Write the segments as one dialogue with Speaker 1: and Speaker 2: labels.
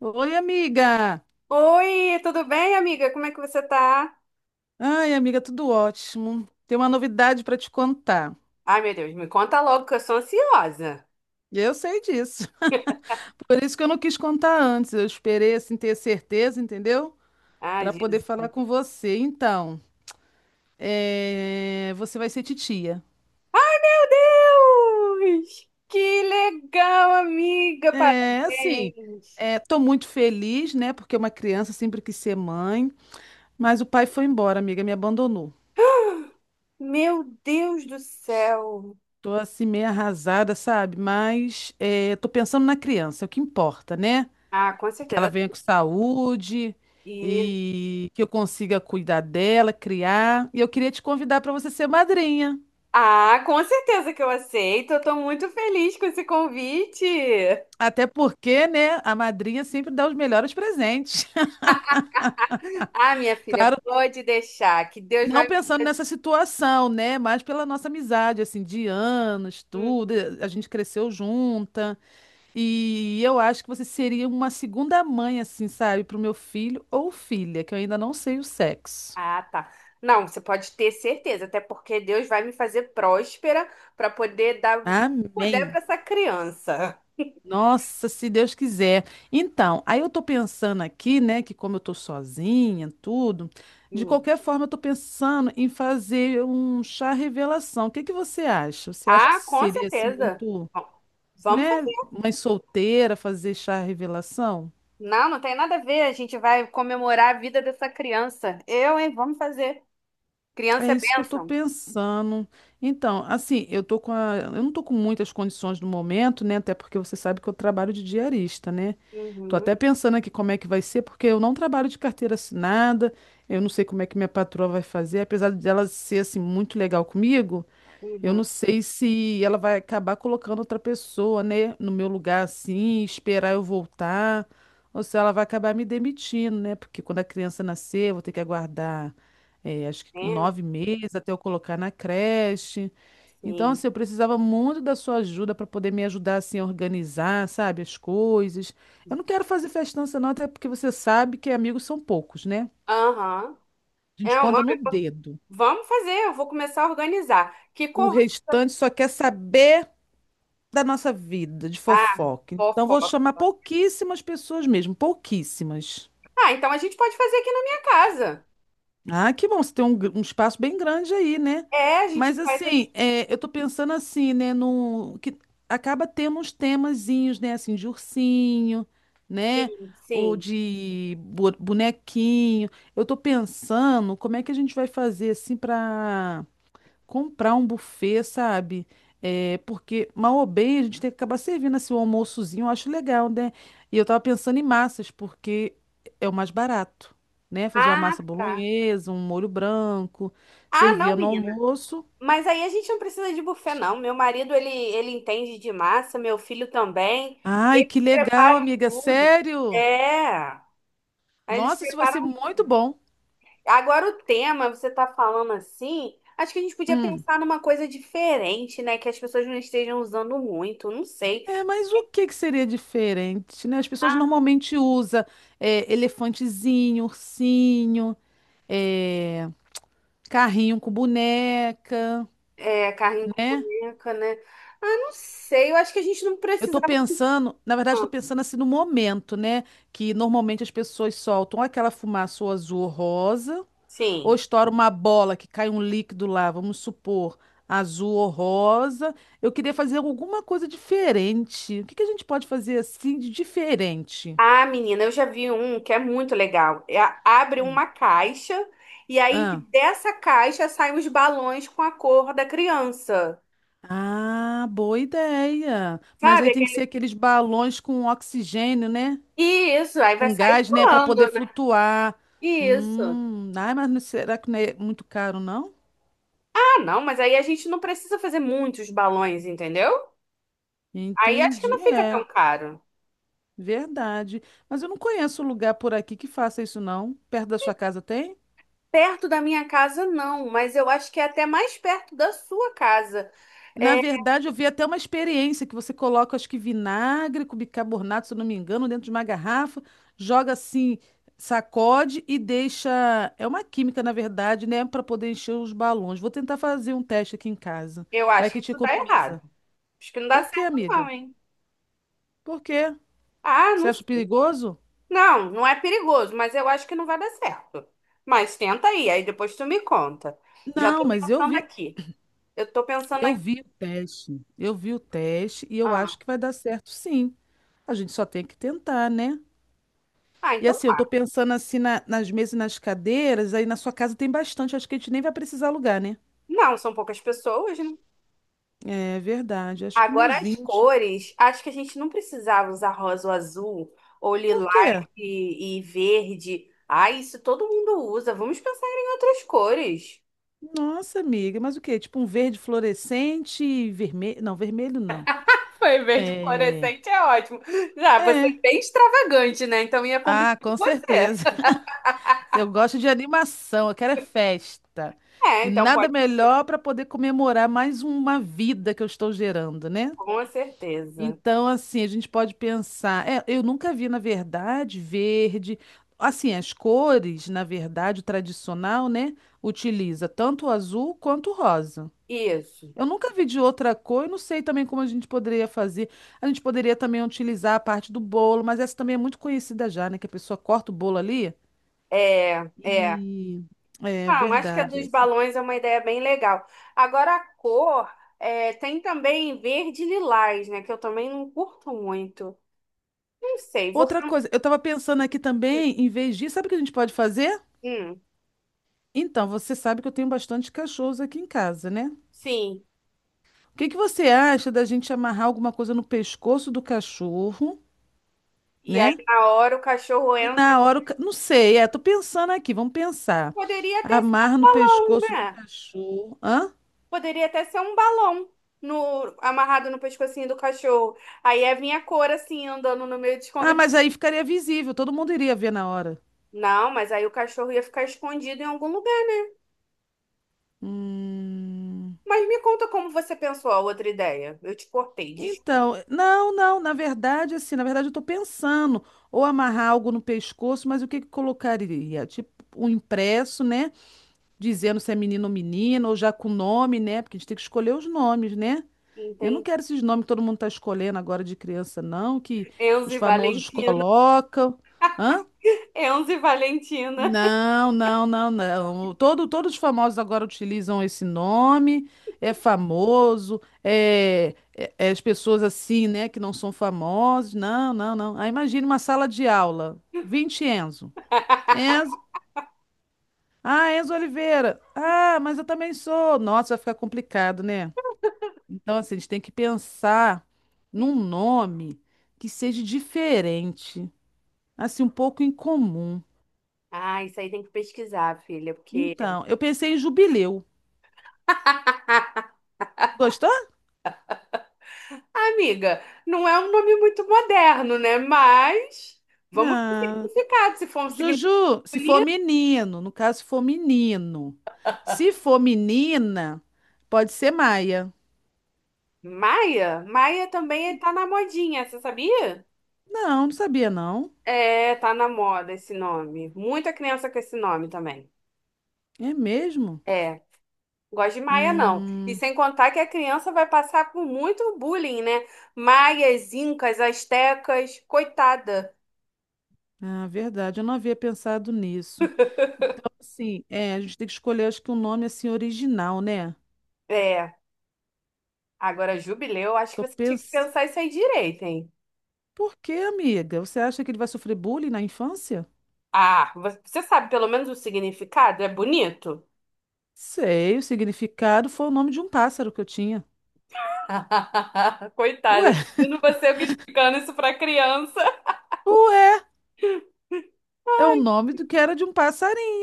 Speaker 1: Oi, amiga.
Speaker 2: Oi, tudo bem, amiga? Como é que você tá?
Speaker 1: Ai, amiga, tudo ótimo. Tem uma novidade para te contar.
Speaker 2: Ai, meu Deus, me conta logo que eu sou ansiosa.
Speaker 1: E Eu sei disso. Por isso que eu não quis contar antes. Eu esperei assim ter certeza, entendeu?
Speaker 2: Ai,
Speaker 1: Para poder
Speaker 2: Jesus.
Speaker 1: falar com você. Então, é, você vai ser titia.
Speaker 2: Deus! Que legal, amiga!
Speaker 1: É, assim,
Speaker 2: Parabéns!
Speaker 1: é, tô muito feliz, né? Porque uma criança sempre quis ser mãe, mas o pai foi embora, amiga, me abandonou.
Speaker 2: Meu Deus do céu!
Speaker 1: Tô assim meio arrasada, sabe? Mas é, tô pensando na criança, é o que importa, né?
Speaker 2: Ah, com
Speaker 1: Que ela
Speaker 2: certeza.
Speaker 1: venha com saúde
Speaker 2: E...
Speaker 1: e que eu consiga cuidar dela, criar. E eu queria te convidar para você ser madrinha.
Speaker 2: Ah, com certeza que eu aceito. Eu tô muito feliz com esse convite.
Speaker 1: Até porque, né, a madrinha sempre dá os melhores presentes.
Speaker 2: Ah, minha filha,
Speaker 1: Claro,
Speaker 2: pode deixar, que Deus
Speaker 1: não
Speaker 2: vai.
Speaker 1: pensando nessa situação, né, mas pela nossa amizade, assim, de anos, tudo, a gente cresceu junta. E eu acho que você seria uma segunda mãe, assim, sabe, para o meu filho ou filha, que eu ainda não sei o sexo.
Speaker 2: Ah, tá. Não, você pode ter certeza, até porque Deus vai me fazer próspera para poder dar o que puder
Speaker 1: Amém.
Speaker 2: para essa criança.
Speaker 1: Nossa, se Deus quiser. Então, aí eu tô pensando aqui, né, que como eu tô sozinha, tudo, de
Speaker 2: Hum.
Speaker 1: qualquer forma eu tô pensando em fazer um chá revelação. O que que você acha? Você acha que
Speaker 2: Ah, com
Speaker 1: seria assim
Speaker 2: certeza.
Speaker 1: muito,
Speaker 2: Bom, vamos
Speaker 1: né,
Speaker 2: fazer.
Speaker 1: mãe solteira fazer chá revelação?
Speaker 2: Não, não tem nada a ver. A gente vai comemorar a vida dessa criança. Eu, hein? Vamos fazer. Criança
Speaker 1: É
Speaker 2: é
Speaker 1: isso que eu tô
Speaker 2: bênção.
Speaker 1: pensando. Então, assim, eu tô com a... eu não tô com muitas condições no momento, né? Até porque você sabe que eu trabalho de diarista, né? Tô
Speaker 2: Uhum,
Speaker 1: até pensando aqui como é que vai ser, porque eu não trabalho de carteira assinada, eu não sei como é que minha patroa vai fazer, apesar dela ser assim muito legal comigo, eu
Speaker 2: uhum.
Speaker 1: não sei se ela vai acabar colocando outra pessoa, né, no meu lugar assim, esperar eu voltar, ou se ela vai acabar me demitindo, né? Porque quando a criança nascer, eu vou ter que aguardar, acho que com
Speaker 2: É,
Speaker 1: 9 meses até eu colocar na creche. Então,
Speaker 2: sim.
Speaker 1: assim, eu precisava muito da sua ajuda para poder me ajudar assim a organizar, sabe, as coisas. Eu não quero fazer festança, não, até porque você sabe que amigos são poucos, né?
Speaker 2: Aham.
Speaker 1: A
Speaker 2: É,
Speaker 1: gente
Speaker 2: vamos
Speaker 1: conta no dedo.
Speaker 2: vamos fazer. Eu vou começar a organizar. Que
Speaker 1: O
Speaker 2: cor...
Speaker 1: restante só quer saber. Da nossa vida, de
Speaker 2: Ah,
Speaker 1: fofoca. Então, vou
Speaker 2: fofoca.
Speaker 1: chamar pouquíssimas pessoas mesmo, pouquíssimas.
Speaker 2: Ah, então a gente pode fazer aqui na minha casa.
Speaker 1: Ah, que bom, você tem um espaço bem grande aí, né?
Speaker 2: É, a gente
Speaker 1: Mas,
Speaker 2: faz aqui.
Speaker 1: assim, é, eu tô pensando assim, né, num, que acaba tendo uns temazinhos, né, assim, de ursinho, né,
Speaker 2: Sim,
Speaker 1: ou
Speaker 2: sim.
Speaker 1: de bonequinho. Eu tô pensando como é que a gente vai fazer, assim, para comprar um buffet, sabe? É, porque, mal ou bem, a gente tem que acabar servindo assim, um almoçozinho, eu acho legal, né? E eu tava pensando em massas, porque é o mais barato, né? Fazer uma
Speaker 2: Ah,
Speaker 1: massa
Speaker 2: tá.
Speaker 1: bolonhesa, um molho branco,
Speaker 2: Ah, não,
Speaker 1: servia no
Speaker 2: menina.
Speaker 1: almoço.
Speaker 2: Mas aí a gente não precisa de buffet, não. Meu marido, ele entende de massa, meu filho também.
Speaker 1: Ai,
Speaker 2: Eles
Speaker 1: que legal,
Speaker 2: preparam
Speaker 1: amiga,
Speaker 2: tudo.
Speaker 1: sério?
Speaker 2: É. Aí eles
Speaker 1: Nossa, isso vai
Speaker 2: preparam.
Speaker 1: ser muito bom.
Speaker 2: Agora o tema, você tá falando assim, acho que a gente podia
Speaker 1: Hum.
Speaker 2: pensar numa coisa diferente, né? Que as pessoas não estejam usando muito, não sei.
Speaker 1: É, mas o que que seria diferente, né? As pessoas
Speaker 2: Ah,
Speaker 1: normalmente usam é, elefantezinho, ursinho, é, carrinho com boneca,
Speaker 2: é, carrinho com
Speaker 1: né?
Speaker 2: boneca, né? Ah, não sei. Eu acho que a gente não
Speaker 1: Eu tô
Speaker 2: precisava.
Speaker 1: pensando, na verdade, tô
Speaker 2: Não.
Speaker 1: pensando assim no momento, né? Que normalmente as pessoas soltam aquela fumaça ou azul ou rosa, ou
Speaker 2: Sim.
Speaker 1: estoura uma bola que cai um líquido lá, vamos supor, azul ou rosa. Eu queria fazer alguma coisa diferente. O que que a gente pode fazer assim de diferente?
Speaker 2: Ah, menina, eu já vi um que é muito legal. É, abre uma caixa e aí
Speaker 1: Ah.
Speaker 2: dessa caixa saem os balões com a cor da criança.
Speaker 1: Ah, boa ideia. Mas
Speaker 2: Sabe?
Speaker 1: aí tem que ser
Speaker 2: Aquele...
Speaker 1: aqueles balões com oxigênio, né?
Speaker 2: Isso, aí vai
Speaker 1: Com
Speaker 2: sair
Speaker 1: gás, né? Para poder
Speaker 2: voando, né?
Speaker 1: flutuar.
Speaker 2: Isso.
Speaker 1: Ai, mas não- será que não é muito caro, não?
Speaker 2: Ah, não, mas aí a gente não precisa fazer muitos balões, entendeu? Aí acho que não
Speaker 1: Entendi.
Speaker 2: fica
Speaker 1: É,
Speaker 2: tão caro.
Speaker 1: verdade. Mas eu não conheço lugar por aqui que faça isso, não. Perto da sua casa tem?
Speaker 2: Perto da minha casa, não, mas eu acho que é até mais perto da sua casa.
Speaker 1: Na
Speaker 2: É,
Speaker 1: verdade, eu vi até uma experiência que você coloca, acho que vinagre com bicarbonato, se eu não me engano, dentro de uma garrafa, joga assim, sacode e deixa. É uma química, na verdade, né? Para poder encher os balões. Vou tentar fazer um teste aqui em casa.
Speaker 2: eu
Speaker 1: Vai
Speaker 2: acho que
Speaker 1: que te
Speaker 2: isso dá errado.
Speaker 1: economiza.
Speaker 2: Acho que não dá
Speaker 1: Por quê,
Speaker 2: certo,
Speaker 1: amiga?
Speaker 2: não, hein?
Speaker 1: Por quê?
Speaker 2: Ah,
Speaker 1: Você
Speaker 2: não
Speaker 1: acha
Speaker 2: sei.
Speaker 1: perigoso?
Speaker 2: Não, não é perigoso, mas eu acho que não vai dar certo. Mas tenta aí, aí depois tu me conta. Já
Speaker 1: Não,
Speaker 2: tô
Speaker 1: mas
Speaker 2: pensando aqui. Eu tô pensando
Speaker 1: eu
Speaker 2: aqui.
Speaker 1: vi o teste. Eu vi o teste e eu
Speaker 2: Ah,
Speaker 1: acho que vai dar certo, sim. A gente só tem que tentar, né?
Speaker 2: ah,
Speaker 1: E
Speaker 2: então
Speaker 1: assim, eu tô
Speaker 2: tá.
Speaker 1: pensando assim nas mesas e nas cadeiras, aí na sua casa tem bastante, acho que a gente nem vai precisar alugar, né?
Speaker 2: Não, são poucas pessoas, né?
Speaker 1: É verdade, acho que umas
Speaker 2: Agora as
Speaker 1: 20. Né?
Speaker 2: cores. Acho que a gente não precisava usar rosa ou azul, ou
Speaker 1: Por quê?
Speaker 2: lilás e verde. Ah, isso todo mundo usa. Vamos pensar em outras cores.
Speaker 1: Nossa, amiga, mas o quê? Tipo um verde fluorescente e vermelho. Não, vermelho não.
Speaker 2: Foi, verde
Speaker 1: É.
Speaker 2: fluorescente é ótimo. Já, você é
Speaker 1: É.
Speaker 2: bem extravagante, né? Então ia combinar
Speaker 1: Ah,
Speaker 2: com
Speaker 1: com
Speaker 2: você.
Speaker 1: certeza. Eu gosto de animação, eu quero é festa.
Speaker 2: É,
Speaker 1: E
Speaker 2: então
Speaker 1: nada
Speaker 2: pode,
Speaker 1: melhor para poder comemorar mais uma vida que eu estou gerando, né?
Speaker 2: com certeza.
Speaker 1: Então, assim, a gente pode pensar. É, eu nunca vi, na verdade, verde. Assim, as cores, na verdade, o tradicional, né? Utiliza tanto o azul quanto o rosa.
Speaker 2: Isso.
Speaker 1: Eu nunca vi de outra cor, eu não sei também como a gente poderia fazer. A gente poderia também utilizar a parte do bolo, mas essa também é muito conhecida já, né? Que a pessoa corta o bolo ali.
Speaker 2: É, é.
Speaker 1: E é
Speaker 2: Ah, eu acho que a
Speaker 1: verdade
Speaker 2: dos
Speaker 1: essa.
Speaker 2: balões é uma ideia bem legal. Agora a cor, é, tem também verde e lilás, né? Que eu também não curto muito. Não sei, vou
Speaker 1: Outra
Speaker 2: pensar.
Speaker 1: coisa, eu estava pensando aqui
Speaker 2: Hum,
Speaker 1: também, em vez disso, sabe o que a gente pode fazer?
Speaker 2: hum,
Speaker 1: Então, você sabe que eu tenho bastante cachorros aqui em casa, né?
Speaker 2: sim.
Speaker 1: O que que você acha da gente amarrar alguma coisa no pescoço do cachorro,
Speaker 2: E aí
Speaker 1: né?
Speaker 2: na hora o cachorro
Speaker 1: E
Speaker 2: entra.
Speaker 1: na hora, não sei, é, tô pensando aqui, vamos pensar.
Speaker 2: Poderia até ser
Speaker 1: Amarra
Speaker 2: um
Speaker 1: no
Speaker 2: balão,
Speaker 1: pescoço do
Speaker 2: né?
Speaker 1: cachorro. Hã?
Speaker 2: Poderia até ser um balão no, amarrado no pescocinho do cachorro. Aí ia vir a cor assim, andando no meio dos
Speaker 1: Ah,
Speaker 2: convidados.
Speaker 1: mas aí ficaria visível, todo mundo iria ver na hora.
Speaker 2: Não, mas aí o cachorro ia ficar escondido em algum lugar.
Speaker 1: Hum...
Speaker 2: Mas me conta como você pensou a outra ideia. Eu te cortei, desculpa.
Speaker 1: Então, não, não, na verdade, assim, na verdade eu tô pensando ou amarrar algo no pescoço, mas o que que colocaria? Tipo, um impresso, né? Dizendo se é menino ou menina, ou já com nome, né? Porque a gente tem que escolher os nomes, né? Eu não
Speaker 2: Entendi.
Speaker 1: quero esses nomes que todo mundo tá escolhendo agora de criança, não, que
Speaker 2: Enzo
Speaker 1: os
Speaker 2: e
Speaker 1: famosos
Speaker 2: Valentina.
Speaker 1: colocam. Hã?
Speaker 2: Enzo e Valentina.
Speaker 1: Não, não, não, não. Todo, todos os famosos agora utilizam esse nome, é famoso, é as pessoas assim, né, que não são famosas. Não, não, não. Aí imagine uma sala de aula, 20 Enzo. Enzo, ah, Enzo Oliveira. Ah, mas eu também sou. Nossa, vai ficar complicado, né? Então, assim, a gente tem que pensar num nome que seja diferente, assim, um pouco incomum.
Speaker 2: Ah, isso aí tem que pesquisar, filha, porque.
Speaker 1: Então, eu pensei em Jubileu. Gostou?
Speaker 2: Amiga, não é um nome muito moderno, né? Mas vamos pro
Speaker 1: Não.
Speaker 2: significado. Se for um significado
Speaker 1: Juju, se for
Speaker 2: bonito.
Speaker 1: menino, no caso, se for menino. Se for menina, pode ser Maia.
Speaker 2: Maia? Maia também tá na modinha, você sabia?
Speaker 1: Não, não sabia, não.
Speaker 2: É, tá na moda esse nome. Muita criança com esse nome também.
Speaker 1: É mesmo?
Speaker 2: É. Gosto de Maia, não. E
Speaker 1: Hum,
Speaker 2: sem contar que a criança vai passar por muito bullying, né? Maias, incas, astecas, coitada.
Speaker 1: ah, verdade, eu não havia pensado nisso. Sim, é, a gente tem que escolher, acho que um nome assim original, né?
Speaker 2: É, agora jubileu, acho que
Speaker 1: Tô
Speaker 2: você tinha que
Speaker 1: pensando.
Speaker 2: pensar isso aí direito, hein?
Speaker 1: Por quê, amiga? Você acha que ele vai sofrer bullying na infância?
Speaker 2: Ah, você sabe pelo menos o significado? É bonito?
Speaker 1: Sei, o significado foi o nome de um pássaro que eu tinha.
Speaker 2: Coitada,
Speaker 1: Ué,
Speaker 2: imagino você explicando isso pra criança.
Speaker 1: ué, é o nome do que era de um passarinho.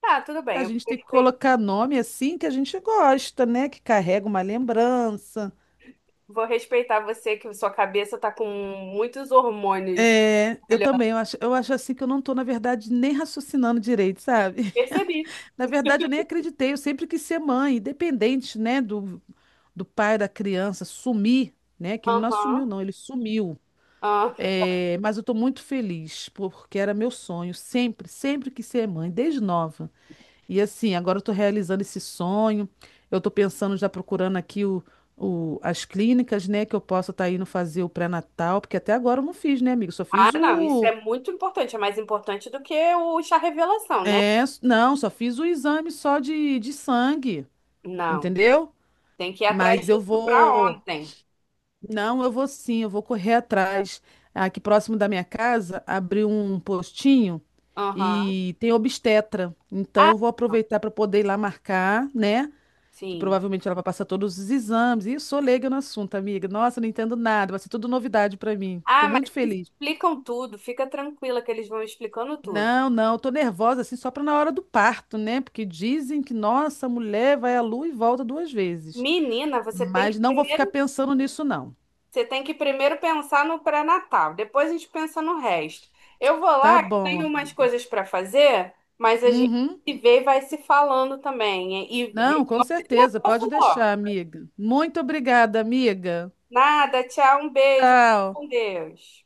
Speaker 2: Tá, tudo
Speaker 1: A
Speaker 2: bem, eu
Speaker 1: gente tem que colocar nome assim que a gente gosta, né? Que carrega uma lembrança.
Speaker 2: vou respeitar você que sua cabeça tá com muitos hormônios.
Speaker 1: É, eu
Speaker 2: Olha,
Speaker 1: também, eu acho assim que eu não tô, na verdade, nem raciocinando direito, sabe?
Speaker 2: percebi.
Speaker 1: Na verdade, eu nem acreditei, eu sempre quis ser mãe, independente, né, do, pai da criança sumir, né? Que ele não
Speaker 2: Aham,
Speaker 1: assumiu, não, ele sumiu.
Speaker 2: aham.
Speaker 1: É, mas eu tô muito feliz, porque era meu sonho, sempre, sempre quis ser mãe, desde nova. E assim, agora eu tô realizando esse sonho. Eu tô pensando já procurando aqui as clínicas, né, que eu possa estar indo fazer o pré-natal, porque até agora eu não fiz, né, amigo? Só
Speaker 2: Ah,
Speaker 1: fiz
Speaker 2: não, isso
Speaker 1: o
Speaker 2: é muito importante, é mais importante do que o chá revelação, né?
Speaker 1: não, só fiz o exame só de sangue,
Speaker 2: Não,
Speaker 1: entendeu?
Speaker 2: tem que ir atrás
Speaker 1: Mas eu
Speaker 2: disso para
Speaker 1: vou,
Speaker 2: ontem.
Speaker 1: não, eu vou sim, eu vou correr atrás. Aqui próximo da minha casa, abri um postinho
Speaker 2: Aham.
Speaker 1: e tem obstetra. Então
Speaker 2: Ah,
Speaker 1: eu vou
Speaker 2: não,
Speaker 1: aproveitar para poder ir lá marcar, né? Que
Speaker 2: sim.
Speaker 1: provavelmente ela vai passar todos os exames. E eu sou leiga no assunto, amiga. Nossa, não entendo nada, vai ser tudo novidade para mim. Tô
Speaker 2: Ah, mas
Speaker 1: muito
Speaker 2: eles
Speaker 1: feliz.
Speaker 2: explicam tudo, fica tranquila que eles vão explicando tudo.
Speaker 1: Não, não, tô nervosa assim só para na hora do parto, né? Porque dizem que nossa, a mulher vai à lua e volta 2 vezes.
Speaker 2: Menina,
Speaker 1: Mas não vou ficar pensando nisso, não.
Speaker 2: você tem que primeiro pensar no pré-natal, depois a gente pensa no resto. Eu vou
Speaker 1: Tá
Speaker 2: lá, que
Speaker 1: bom,
Speaker 2: tenho umas
Speaker 1: amiga.
Speaker 2: coisas para fazer, mas a gente
Speaker 1: Uhum.
Speaker 2: se vê e vai se falando também, e
Speaker 1: Não, com
Speaker 2: resolve esse
Speaker 1: certeza, pode
Speaker 2: negócio
Speaker 1: deixar,
Speaker 2: logo.
Speaker 1: amiga. Muito obrigada, amiga.
Speaker 2: Nada, tchau, um beijo. Fica
Speaker 1: Tchau.
Speaker 2: com Deus.